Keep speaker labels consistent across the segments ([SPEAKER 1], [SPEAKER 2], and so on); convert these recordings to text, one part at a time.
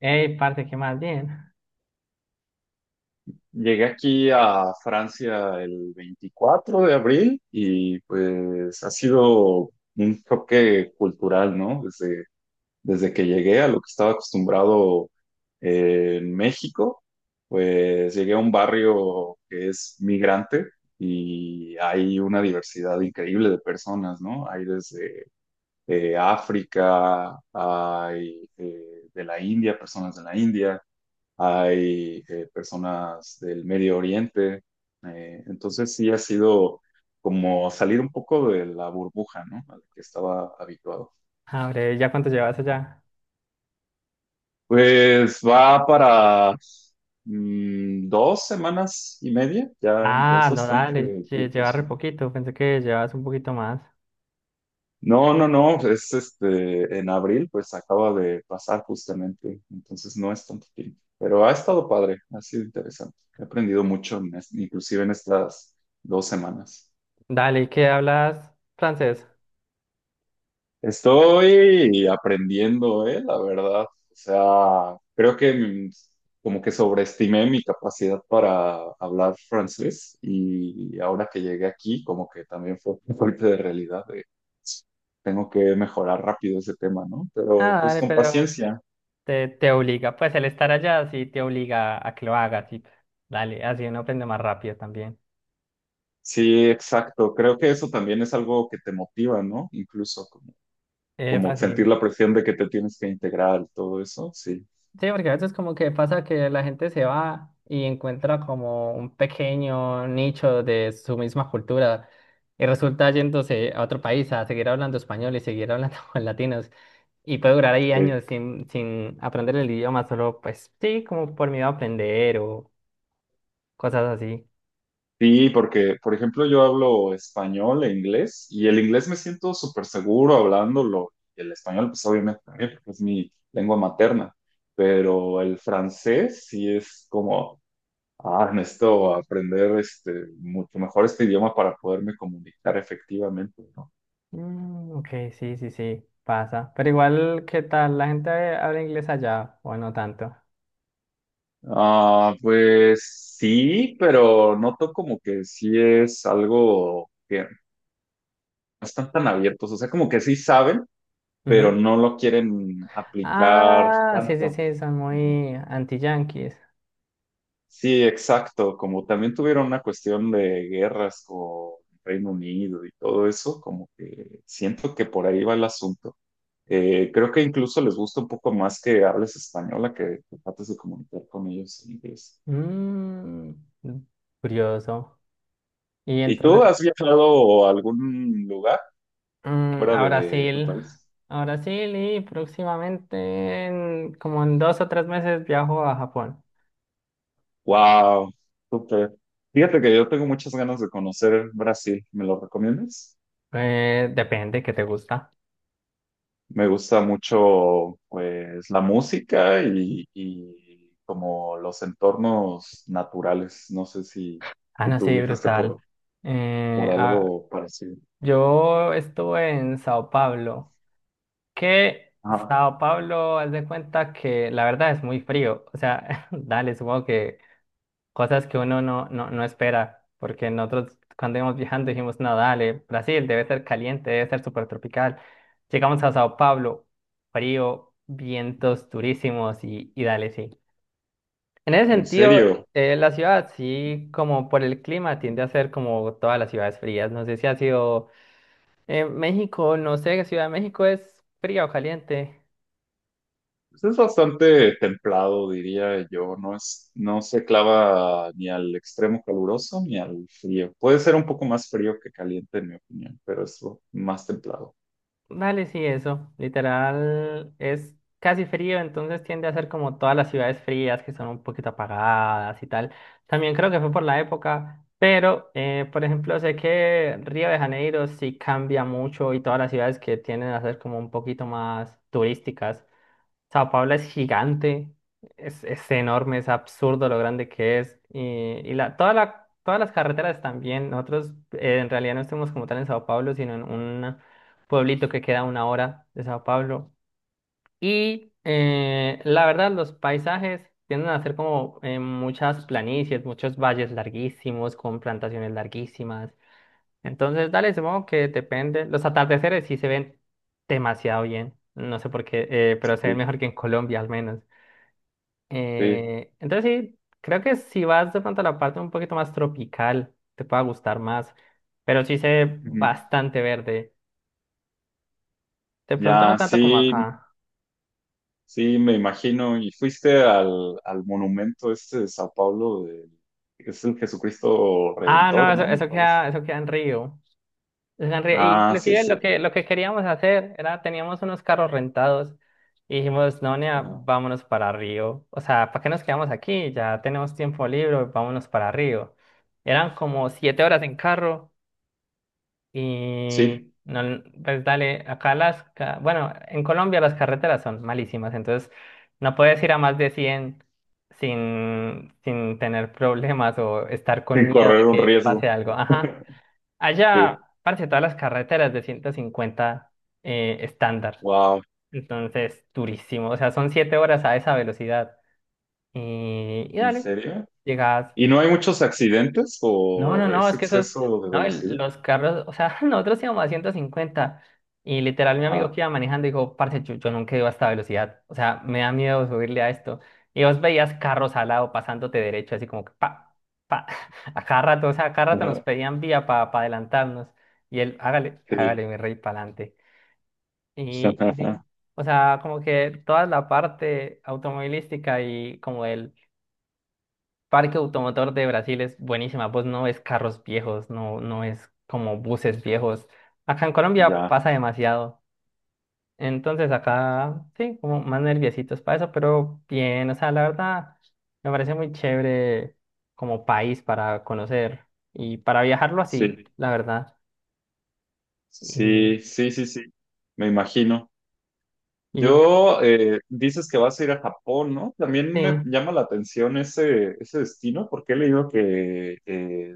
[SPEAKER 1] Ey, parce, qué más bien.
[SPEAKER 2] Llegué aquí a Francia el 24 de abril y pues ha sido un choque cultural, ¿no? Desde que llegué a lo que estaba acostumbrado en México, pues llegué a un barrio que es migrante y hay una diversidad increíble de personas, ¿no? Hay desde África, hay de la India, personas de la India. Hay personas del Medio Oriente. Entonces sí ha sido como salir un poco de la burbuja, ¿no? A la que estaba habituado.
[SPEAKER 1] Abre, ¿ya cuánto llevas allá?
[SPEAKER 2] Pues va para 2 semanas y media, ya es
[SPEAKER 1] Ah, no,
[SPEAKER 2] bastante
[SPEAKER 1] dale,
[SPEAKER 2] tiempo.
[SPEAKER 1] llevas re
[SPEAKER 2] Sí.
[SPEAKER 1] poquito, pensé que llevas un poquito más.
[SPEAKER 2] No, no, no, es en abril, pues acaba de pasar justamente, entonces no es tanto tiempo, pero ha estado padre, ha sido interesante, he aprendido mucho, inclusive en estas 2 semanas.
[SPEAKER 1] Dale, ¿y qué hablas francés?
[SPEAKER 2] Estoy aprendiendo, la verdad. O sea, creo que como que sobreestimé mi capacidad para hablar francés y ahora que llegué aquí, como que también fue un golpe de realidad de tengo que mejorar rápido ese tema, ¿no? Pero
[SPEAKER 1] Ah,
[SPEAKER 2] pues
[SPEAKER 1] dale,
[SPEAKER 2] con
[SPEAKER 1] pero
[SPEAKER 2] paciencia.
[SPEAKER 1] te obliga, pues el estar allá sí te obliga a que lo hagas, y dale, así uno aprende más rápido también.
[SPEAKER 2] Sí, exacto. Creo que eso también es algo que te motiva, ¿no? Incluso como, como sentir
[SPEAKER 1] Fácil.
[SPEAKER 2] la presión de que te tienes que integrar, todo eso. Sí.
[SPEAKER 1] Sí, porque a veces como que pasa que la gente se va y encuentra como un pequeño nicho de su misma cultura y resulta yéndose a otro país a seguir hablando español y seguir hablando con latinos. Y puede durar ahí
[SPEAKER 2] Sí.
[SPEAKER 1] años sin aprender el idioma, solo pues sí, como por miedo a aprender o cosas así.
[SPEAKER 2] Sí, porque, por ejemplo, yo hablo español e inglés y el inglés me siento súper seguro hablándolo. Y el español, pues obviamente también, porque es mi lengua materna. Pero el francés sí es como, necesito aprender mucho mejor este idioma para poderme comunicar efectivamente, ¿no?
[SPEAKER 1] Ok, sí, sí, sí, pasa. Pero igual, ¿qué tal? ¿La gente habla inglés allá o no tanto?
[SPEAKER 2] Ah, pues sí, pero noto como que sí es algo que no están tan abiertos, o sea, como que sí saben pero
[SPEAKER 1] Ujú.
[SPEAKER 2] no lo quieren aplicar
[SPEAKER 1] Ah, sí, sí,
[SPEAKER 2] tanto.
[SPEAKER 1] sí, son
[SPEAKER 2] Ujú.
[SPEAKER 1] muy anti-yanquis.
[SPEAKER 2] Sí, exacto. Como también tuvieron una cuestión de guerras con Reino Unido y todo eso, como que siento que por ahí va el asunto. Creo que incluso les gusta un poco más que hables española que trates de comunicar con ellos en inglés.
[SPEAKER 1] Mm, Curioso. Y
[SPEAKER 2] ¿Y tú
[SPEAKER 1] entonces,
[SPEAKER 2] has viajado a algún lugar fuera
[SPEAKER 1] a
[SPEAKER 2] de tu
[SPEAKER 1] Brasil,
[SPEAKER 2] país?
[SPEAKER 1] a Brasil y próximamente, como en 2 o 3 meses, viajo a Japón.
[SPEAKER 2] Wow, súper. Fíjate que yo tengo muchas ganas de conocer Brasil. ¿Me lo recomiendas?
[SPEAKER 1] Depende, ¿qué te gusta?
[SPEAKER 2] Me gusta mucho, pues, la música y, como los entornos naturales. No sé si,
[SPEAKER 1] Ah,
[SPEAKER 2] si
[SPEAKER 1] no,
[SPEAKER 2] tú
[SPEAKER 1] sí,
[SPEAKER 2] viajaste
[SPEAKER 1] brutal. Eh,
[SPEAKER 2] por
[SPEAKER 1] ah,
[SPEAKER 2] algo parecido.
[SPEAKER 1] yo estuve en Sao Paulo, que
[SPEAKER 2] Ajá.
[SPEAKER 1] Sao Paulo, haz de cuenta que la verdad es muy frío. O sea, dale, supongo que cosas que uno no, no, no espera, porque nosotros cuando íbamos viajando dijimos, no, dale, Brasil debe ser caliente, debe ser súper tropical. Llegamos a Sao Paulo, frío, vientos durísimos y dale, sí. En ese
[SPEAKER 2] En
[SPEAKER 1] sentido,
[SPEAKER 2] serio,
[SPEAKER 1] la ciudad sí, como por el clima, tiende a ser como todas las ciudades frías. No sé si ha sido México, no sé, Ciudad de México es fría o caliente.
[SPEAKER 2] pues es bastante templado, diría yo. No se clava ni al extremo caluroso ni al frío. Puede ser un poco más frío que caliente, en mi opinión, pero es más templado.
[SPEAKER 1] Dale, sí, eso. Literal, es casi frío, entonces tiende a ser como todas las ciudades frías que son un poquito apagadas y tal. También creo que fue por la época, pero, por ejemplo, sé que Río de Janeiro sí cambia mucho y todas las ciudades que tienden a ser como un poquito más turísticas. Sao Paulo es gigante, es enorme, es absurdo lo grande que es. Y todas las carreteras también. Nosotros en realidad no estamos como tal en Sao Paulo, sino en un pueblito que queda a una hora de Sao Paulo. Y la verdad, los paisajes tienden a ser como muchas planicies, muchos valles larguísimos, con plantaciones larguísimas. Entonces, dale, supongo que depende. Los atardeceres sí se ven demasiado bien. No sé por qué, pero se ven
[SPEAKER 2] Sí.
[SPEAKER 1] mejor que en Colombia al menos.
[SPEAKER 2] Sí.
[SPEAKER 1] Entonces sí, creo que si vas de pronto a la parte un poquito más tropical, te pueda gustar más. Pero sí se ve
[SPEAKER 2] Ujú.
[SPEAKER 1] bastante verde. De pronto no
[SPEAKER 2] Ya,
[SPEAKER 1] tanto como
[SPEAKER 2] sí.
[SPEAKER 1] acá.
[SPEAKER 2] Sí, me imagino. ¿Y fuiste al monumento este de Sao Paulo, que es el Jesucristo
[SPEAKER 1] Ah, no,
[SPEAKER 2] Redentor,
[SPEAKER 1] eso,
[SPEAKER 2] ¿no? me parece.
[SPEAKER 1] eso queda en Río. Es
[SPEAKER 2] Ah, sí,
[SPEAKER 1] inclusive
[SPEAKER 2] es cierto.
[SPEAKER 1] lo que queríamos hacer era, teníamos unos carros rentados y dijimos, no, nea,
[SPEAKER 2] Ajá.
[SPEAKER 1] vámonos para Río. O sea, ¿para qué nos quedamos aquí? Ya tenemos tiempo libre, vámonos para Río. Eran como 7 horas en carro y,
[SPEAKER 2] Sí,
[SPEAKER 1] no, pues dale, acá bueno, en Colombia las carreteras son malísimas, entonces no puedes ir a más de 100 sin, sin tener problemas o estar con
[SPEAKER 2] sin
[SPEAKER 1] miedo de
[SPEAKER 2] correr un
[SPEAKER 1] que
[SPEAKER 2] riesgo.
[SPEAKER 1] pase algo. Ajá.
[SPEAKER 2] Sí.
[SPEAKER 1] Allá, parece todas las carreteras de 150 estándar.
[SPEAKER 2] Wow,
[SPEAKER 1] Entonces, durísimo. O sea, son 7 horas a esa velocidad. Y
[SPEAKER 2] ¿en
[SPEAKER 1] dale,
[SPEAKER 2] serio?
[SPEAKER 1] llegas
[SPEAKER 2] ¿Y no hay muchos accidentes
[SPEAKER 1] no, no,
[SPEAKER 2] por
[SPEAKER 1] no,
[SPEAKER 2] ese
[SPEAKER 1] es que esos,
[SPEAKER 2] exceso de
[SPEAKER 1] no,
[SPEAKER 2] velocidad?
[SPEAKER 1] los carros, o sea, nosotros íbamos a 150 y literal mi amigo
[SPEAKER 2] Ajá.
[SPEAKER 1] que iba manejando dijo, parce, yo nunca iba a esta velocidad, o sea, me da miedo subirle a esto. Y vos veías carros al lado pasándote derecho, así como que pa, pa, a cada rato, o sea, a cada rato nos
[SPEAKER 2] Ajá.
[SPEAKER 1] pedían vía para adelantarnos y él, hágale,
[SPEAKER 2] Sí.
[SPEAKER 1] hágale mi rey, para adelante. Y sí, o sea, como que toda la parte automovilística y como el Parque Automotor de Brasil es buenísima, pues no es carros viejos, no, no es como buses viejos. Acá en Colombia
[SPEAKER 2] Ya,
[SPEAKER 1] pasa demasiado. Entonces acá sí, como más nerviositos para eso, pero bien, o sea, la verdad me parece muy chévere como país para conocer y para viajarlo así,
[SPEAKER 2] sí.
[SPEAKER 1] sí, la verdad. Y,
[SPEAKER 2] Sí, sí, sí, sí. Me imagino.
[SPEAKER 1] y
[SPEAKER 2] Dices que vas a ir a Japón, ¿no? También
[SPEAKER 1] sí,
[SPEAKER 2] me llama la atención ese, destino porque he leído que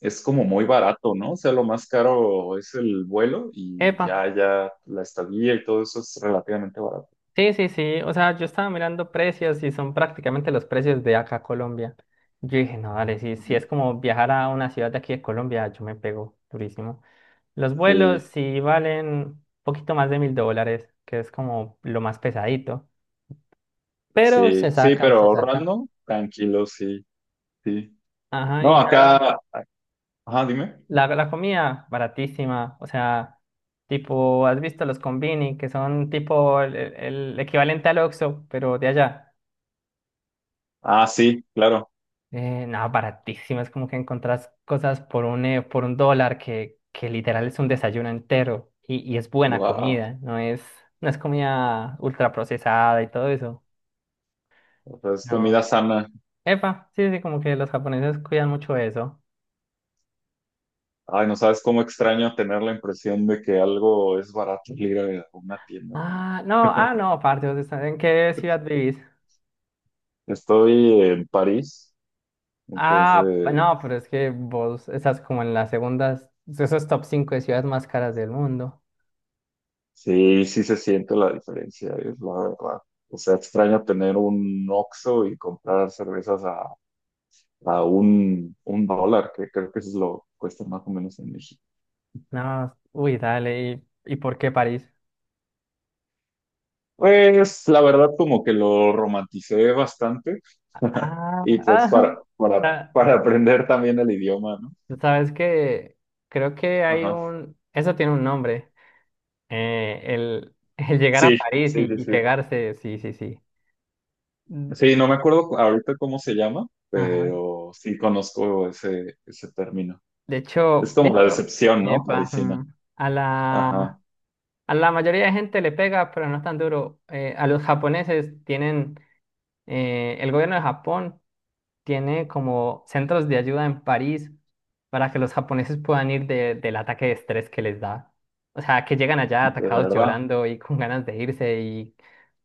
[SPEAKER 2] es como muy barato, ¿no? O sea, lo más caro es el vuelo y
[SPEAKER 1] epa.
[SPEAKER 2] ya, la estadía y todo eso es relativamente barato.
[SPEAKER 1] Sí, sí, sí. O sea, yo estaba mirando precios y son prácticamente los precios de acá, Colombia. Yo dije, no, dale, si, si
[SPEAKER 2] Ujú.
[SPEAKER 1] es como viajar a una ciudad de aquí de Colombia, yo me pego durísimo. Los vuelos
[SPEAKER 2] Sí,
[SPEAKER 1] sí valen un poquito más de 1.000 dólares, que es como lo más pesadito. Pero
[SPEAKER 2] sí,
[SPEAKER 1] se
[SPEAKER 2] sí,
[SPEAKER 1] saca,
[SPEAKER 2] pero
[SPEAKER 1] se saca.
[SPEAKER 2] ahorrando, tranquilo, sí, sí.
[SPEAKER 1] Ajá,
[SPEAKER 2] No,
[SPEAKER 1] y ya
[SPEAKER 2] acá, ajá, dime.
[SPEAKER 1] la comida baratísima. O sea, tipo, ¿has visto los combini, que son tipo el equivalente al Oxxo, pero de allá?
[SPEAKER 2] Ah, sí, claro.
[SPEAKER 1] No, baratísimo. Es como que encontrás cosas por por un dólar que literal es un desayuno entero y es buena
[SPEAKER 2] Wow.
[SPEAKER 1] comida. No es comida ultra procesada y todo eso.
[SPEAKER 2] O sea, es
[SPEAKER 1] No.
[SPEAKER 2] comida sana.
[SPEAKER 1] Epa, sí, sí, como que los japoneses cuidan mucho eso.
[SPEAKER 2] Ay, no sabes cómo extraño tener la impresión de que algo es barato al ir a una tienda.
[SPEAKER 1] Ah, no, ah, no, parte, ¿vos en qué ciudad vivís?
[SPEAKER 2] Estoy en París,
[SPEAKER 1] Ah,
[SPEAKER 2] entonces
[SPEAKER 1] no, pero es que vos estás como en las segundas, esos top 5 de ciudades más caras del mundo.
[SPEAKER 2] sí, sí se siente la diferencia, es la verdad. O sea, extraño tener un Oxxo y comprar cervezas a un dólar, que creo que eso es lo que cuesta más o menos en México.
[SPEAKER 1] No, uy, dale, y por qué París?
[SPEAKER 2] Pues la verdad como que lo romanticé bastante y pues
[SPEAKER 1] Ah, ah,
[SPEAKER 2] para aprender también el idioma, ¿no?
[SPEAKER 1] sabes que creo que hay
[SPEAKER 2] Ajá.
[SPEAKER 1] eso tiene un nombre, el, el llegar a
[SPEAKER 2] Sí,
[SPEAKER 1] París
[SPEAKER 2] sí, sí,
[SPEAKER 1] y
[SPEAKER 2] sí.
[SPEAKER 1] pegarse, sí, sí, sí. Mm.
[SPEAKER 2] Sí, no me acuerdo ahorita cómo se llama,
[SPEAKER 1] Ajá.
[SPEAKER 2] pero sí conozco ese, término.
[SPEAKER 1] De
[SPEAKER 2] Es
[SPEAKER 1] hecho,
[SPEAKER 2] como la
[SPEAKER 1] listo,
[SPEAKER 2] decepción, ¿no?
[SPEAKER 1] epa,
[SPEAKER 2] Parisina.
[SPEAKER 1] mm. A la,
[SPEAKER 2] Ajá,
[SPEAKER 1] a la mayoría de gente le pega, pero no es tan duro. A los japoneses tienen, el gobierno de Japón tiene como centros de ayuda en París para que los japoneses puedan ir del ataque de estrés que les da. O sea, que llegan allá
[SPEAKER 2] de
[SPEAKER 1] atacados
[SPEAKER 2] verdad.
[SPEAKER 1] llorando y con ganas de irse y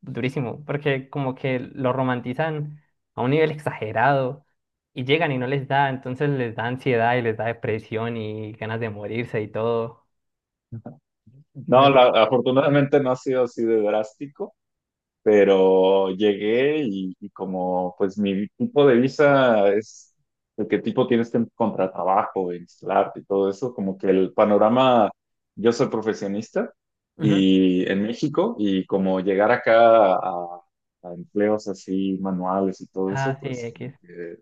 [SPEAKER 1] durísimo, porque como que lo romantizan a un nivel exagerado y llegan y no les da, entonces les da ansiedad y les da depresión y ganas de morirse y todo.
[SPEAKER 2] No,
[SPEAKER 1] Entonces,
[SPEAKER 2] afortunadamente no ha sido así de drástico. Pero llegué y como pues mi tipo de visa es el que tipo tienes que encontrar trabajo, instalarte y todo eso, como que el panorama, yo soy profesionista
[SPEAKER 1] ujú.
[SPEAKER 2] y en México y como llegar acá a empleos así manuales y todo eso,
[SPEAKER 1] Ah, sí,
[SPEAKER 2] pues como
[SPEAKER 1] X.
[SPEAKER 2] que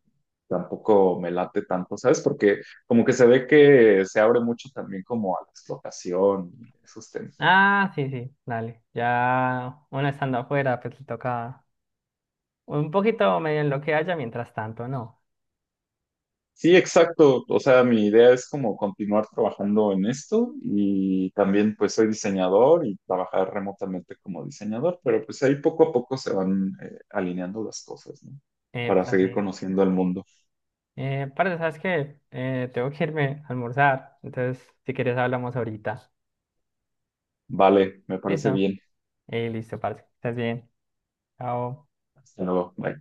[SPEAKER 2] tampoco me late tanto, ¿sabes? Porque como que se ve que se abre mucho también como a la explotación, y esos temas.
[SPEAKER 1] Ah, sí, sí, dale. Ya uno estando afuera, pues le toca un poquito medio en lo que haya, mientras tanto, no.
[SPEAKER 2] Sí, exacto. O sea, mi idea es como continuar trabajando en esto y también pues soy diseñador y trabajar remotamente como diseñador, pero pues ahí poco a poco se van alineando las cosas, ¿no? Para
[SPEAKER 1] Pues
[SPEAKER 2] seguir
[SPEAKER 1] sí.
[SPEAKER 2] conociendo el mundo.
[SPEAKER 1] Parce, ¿sabes qué? Tengo que irme a almorzar. Entonces, si quieres, hablamos ahorita.
[SPEAKER 2] Vale, me parece
[SPEAKER 1] ¿Listo?
[SPEAKER 2] bien.
[SPEAKER 1] Listo, parce. Estás bien. Chao.
[SPEAKER 2] Hasta luego. Bye.